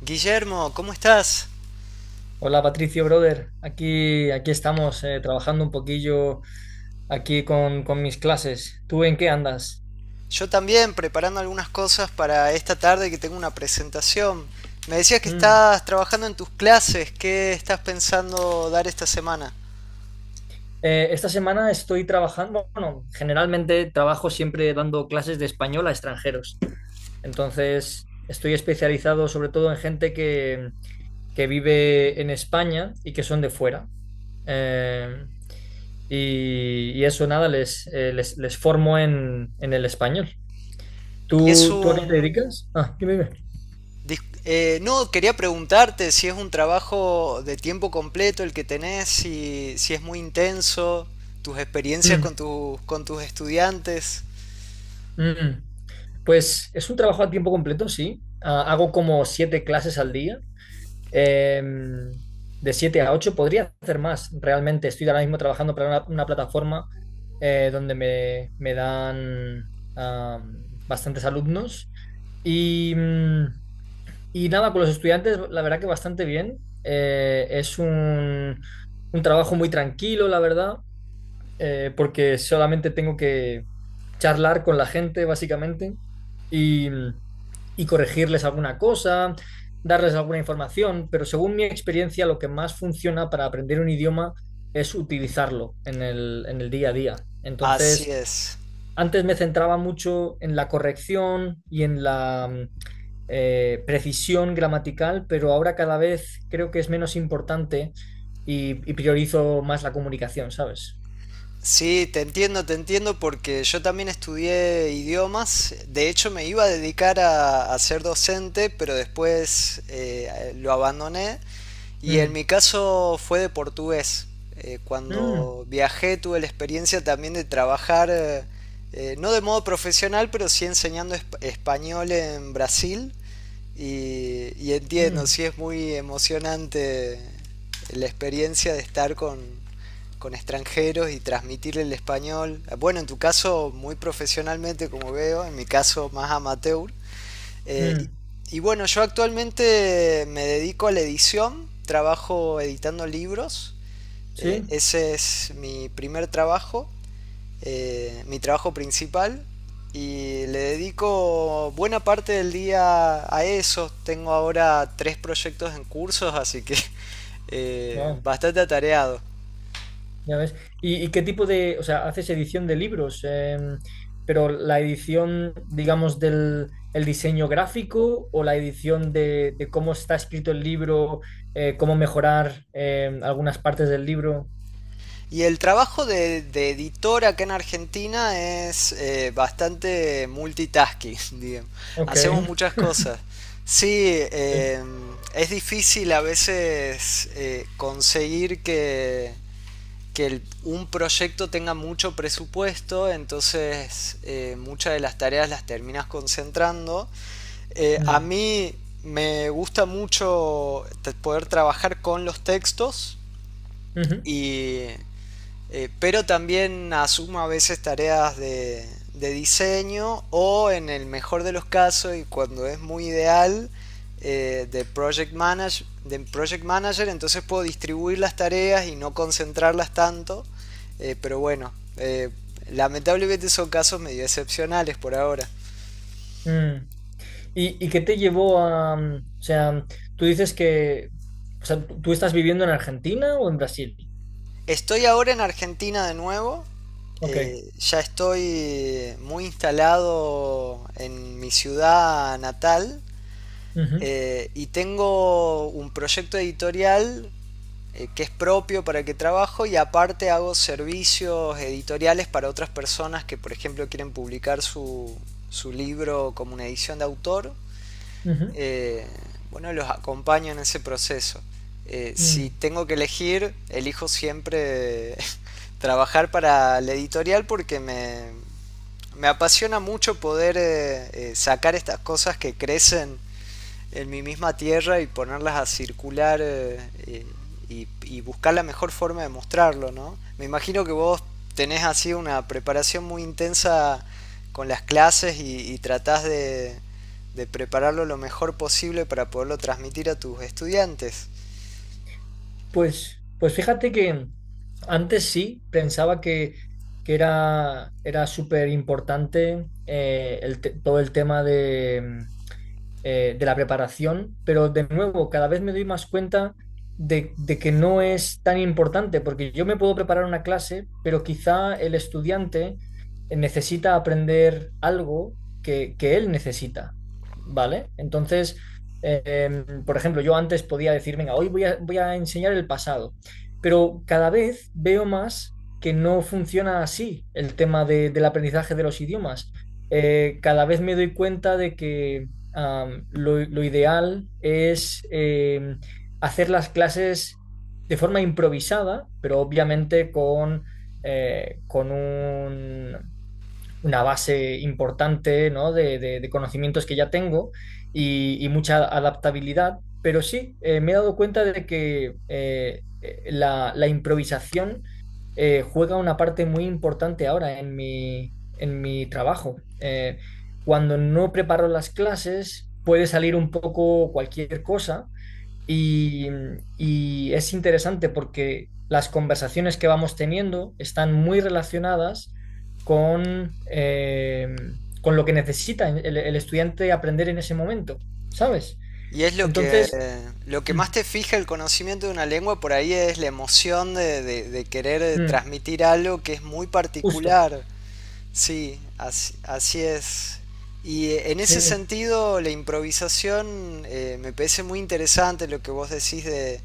Guillermo, ¿cómo estás? Hola Patricio, brother. Aquí estamos, trabajando un poquillo aquí con mis clases. ¿Tú en qué andas? Yo también preparando algunas cosas para esta tarde que tengo una presentación. Me decías que Mm. estás trabajando en tus clases, ¿qué estás pensando dar esta semana? Esta semana estoy trabajando, bueno, generalmente trabajo siempre dando clases de español a extranjeros. Entonces, estoy especializado sobre todo en gente que vive en España y que son de fuera. Eh, y eso, nada, les formo en el español. Y es ¿Tú a qué te un... dedicas? Ah, quería preguntarte si es un trabajo de tiempo completo el que tenés, si es muy intenso, tus experiencias dime. con tus estudiantes. Mm. Pues es un trabajo a tiempo completo, sí. Ah, hago como siete clases al día, em, de siete a ocho. Podría hacer más, realmente. Estoy ahora mismo trabajando para una plataforma donde me dan, bastantes alumnos. Y, mm, y nada, con los estudiantes, la verdad que bastante bien. Un trabajo muy tranquilo, la verdad, porque solamente tengo que charlar con la gente, básicamente, y, y corregirles alguna cosa, darles alguna información, pero según mi experiencia, lo que más funciona para aprender un idioma es utilizarlo en el día a día. Así Entonces, es. antes me centraba mucho en la corrección y en la precisión gramatical, pero ahora cada vez creo que es menos importante y priorizo más la comunicación, ¿sabes? Sí, te entiendo porque yo también estudié idiomas. De hecho, me iba a dedicar a ser docente, pero después lo abandoné. Y en Mm, mi caso fue de portugués. Mm. Cuando viajé tuve la experiencia también de trabajar, no de modo profesional, pero sí enseñando español en Brasil. Y entiendo, Mm, sí es muy emocionante la experiencia de estar con extranjeros y transmitir el español, bueno, en tu caso muy profesionalmente como veo, en mi caso más amateur. Eh, mm, y, y bueno, yo actualmente me dedico a la edición, trabajo editando libros, sí. ese es mi primer trabajo, mi trabajo principal, y le dedico buena parte del día a eso. Tengo ahora tres proyectos en cursos, así que Wow, bastante atareado. ya ves. ¿Y qué tipo de, o sea, haces edición de libros, pero la edición, digamos, del el diseño gráfico o la edición de cómo está escrito el libro, cómo mejorar, algunas partes del libro? Y el trabajo de editor acá en Argentina es bastante multitasking, digamos. Ok. Hacemos muchas cosas. Sí, Sí, es difícil a veces conseguir que, un proyecto tenga mucho presupuesto, entonces muchas de las tareas las terminas concentrando. A mm, mí me gusta mucho poder trabajar con los textos ujú, y pero también asuma a veces tareas de diseño o en el mejor de los casos y cuando es muy ideal de, de project manager, entonces puedo distribuir las tareas y no concentrarlas tanto, pero bueno, lamentablemente son casos medio excepcionales por ahora. mm. ¿Y qué te llevó a, mm, o sea, tú dices que, o sea, ¿tú estás viviendo en Argentina o en Brasil? Estoy ahora en Argentina de nuevo. Ok. Ya estoy muy instalado en mi ciudad natal. Ujú, Y tengo un proyecto editorial, que es propio, para el que trabajo, y aparte hago servicios editoriales para otras personas que, por ejemplo, quieren publicar su, su libro como una edición de autor. ujú, Eh, bueno, los acompaño en ese proceso. Si mm. tengo que elegir, elijo siempre trabajar para la editorial porque me apasiona mucho poder sacar estas cosas que crecen en mi misma tierra y ponerlas a circular, eh, y buscar la mejor forma de mostrarlo, ¿no? Me imagino que vos tenés así una preparación muy intensa con las clases y tratás de prepararlo lo mejor posible para poderlo transmitir a tus estudiantes. Pues, pues fíjate que antes sí pensaba que era, era súper importante el te- todo el tema de la preparación, pero de nuevo, cada vez me doy más cuenta de que no es tan importante, porque yo me puedo preparar una clase, pero quizá el estudiante necesita aprender algo que él necesita, ¿vale? Entonces, por ejemplo, yo antes podía decir, venga, hoy voy a enseñar el pasado, pero cada vez veo más que no funciona así el tema de- del aprendizaje de los idiomas. Cada vez me doy cuenta de que lo ideal es hacer las clases de forma improvisada, pero obviamente con una base importante, ¿no?, de conocimientos que ya tengo y mucha adaptabilidad, pero sí, me he dado cuenta de que la improvisación juega una parte muy importante ahora en mi trabajo. Cuando no preparo las clases, puede salir un poco cualquier cosa y, y es interesante porque las conversaciones que vamos teniendo están muy relacionadas con, eh, con lo que necesita el estudiante aprender en ese momento, ¿sabes? Y es Entonces, lo que más mm, te fija el conocimiento de una lengua, por ahí es la emoción de, de querer mm, transmitir algo que es muy justo, particular. Sí, así, así es. Y en ese sí. sentido, la improvisación me parece muy interesante lo que vos decís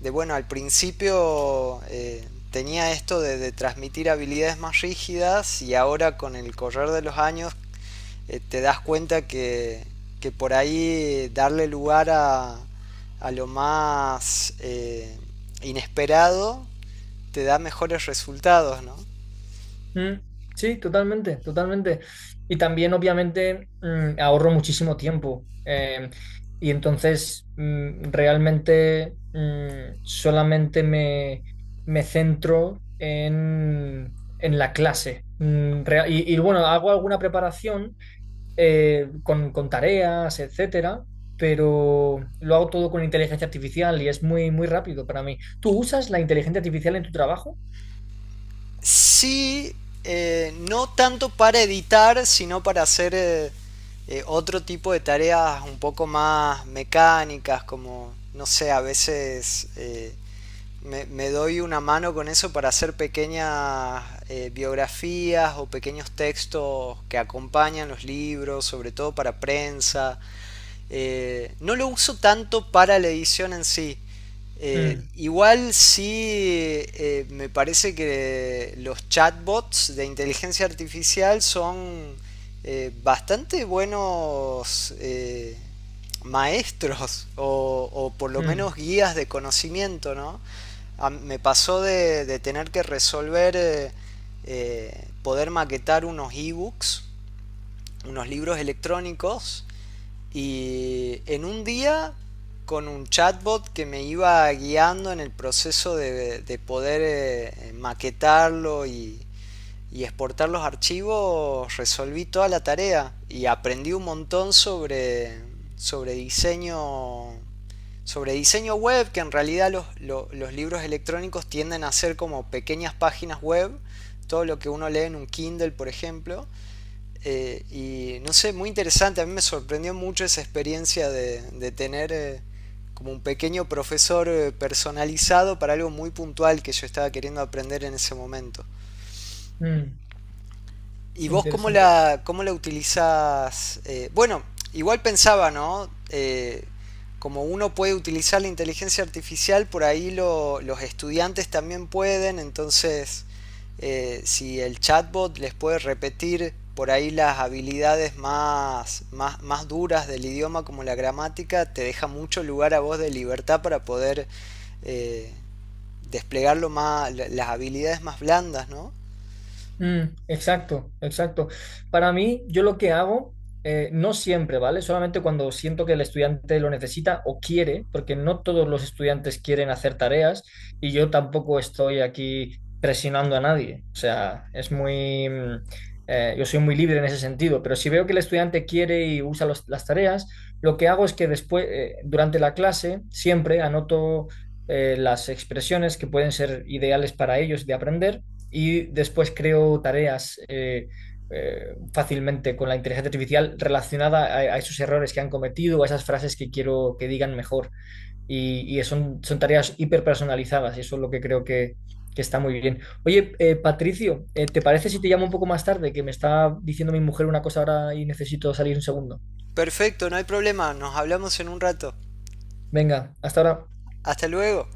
de bueno, al principio tenía esto de transmitir habilidades más rígidas y ahora con el correr de los años te das cuenta que por ahí darle lugar a lo más inesperado te da mejores resultados, ¿no? Mm, sí, totalmente, totalmente. Y también, obviamente, ahorro muchísimo tiempo. Y entonces, realmente, solamente me centro en la clase. Bueno, hago alguna preparación, con tareas, etcétera, pero lo hago todo con inteligencia artificial y es muy, muy rápido para mí. ¿Tú usas la inteligencia artificial en tu trabajo? Sí, no tanto para editar, sino para hacer otro tipo de tareas un poco más mecánicas, como, no sé, a veces me, me doy una mano con eso para hacer pequeñas biografías o pequeños textos que acompañan los libros, sobre todo para prensa, no lo uso tanto para la edición en sí. Mm, Igual sí, me parece que los chatbots de inteligencia artificial son bastante buenos, maestros o por lo mm, menos guías de conocimiento, ¿no? Me pasó de tener que resolver, poder maquetar unos ebooks, unos libros electrónicos, y en un día con un chatbot que me iba guiando en el proceso de poder maquetarlo y exportar los archivos, resolví toda la tarea y aprendí un montón sobre, sobre diseño, sobre diseño web, que en realidad los, los libros electrónicos tienden a ser como pequeñas páginas web, todo lo que uno lee en un Kindle, por ejemplo. Y no sé, muy interesante. A mí me sorprendió mucho esa experiencia de tener como un pequeño profesor personalizado para algo muy puntual que yo estaba queriendo aprender en ese momento. mm. ¿Y Qué vos interesante. Cómo la utilizás? Bueno, igual pensaba, ¿no? Como uno puede utilizar la inteligencia artificial, por ahí los estudiantes también pueden, entonces si el chatbot les puede repetir por ahí las habilidades más, más, más duras del idioma como la gramática, te deja mucho lugar a vos de libertad para poder eh, desplegar lo más, las habilidades más blandas, ¿no? Mm, exacto, exacto. Para mí, yo lo que hago, no siempre, ¿vale? Solamente cuando siento que el estudiante lo necesita o quiere, porque no todos los estudiantes quieren hacer tareas y yo tampoco estoy aquí presionando a nadie. O sea, es muy, yo soy muy libre en ese sentido, pero si veo que el estudiante quiere y usa los- las tareas, lo que hago es que después, durante la clase, siempre anoto las expresiones que pueden ser ideales para ellos de aprender y después creo tareas, fácilmente con la inteligencia artificial relacionada a esos errores que han cometido, a esas frases que quiero que digan mejor. Son tareas hiperpersonalizadas y eso es lo que creo que está muy bien. Oye, Patricio, ¿te parece si te llamo un poco más tarde? Que me está diciendo mi mujer una cosa ahora y necesito salir un segundo. Perfecto, no hay problema, nos hablamos en un rato. Venga, hasta ahora. Hasta luego.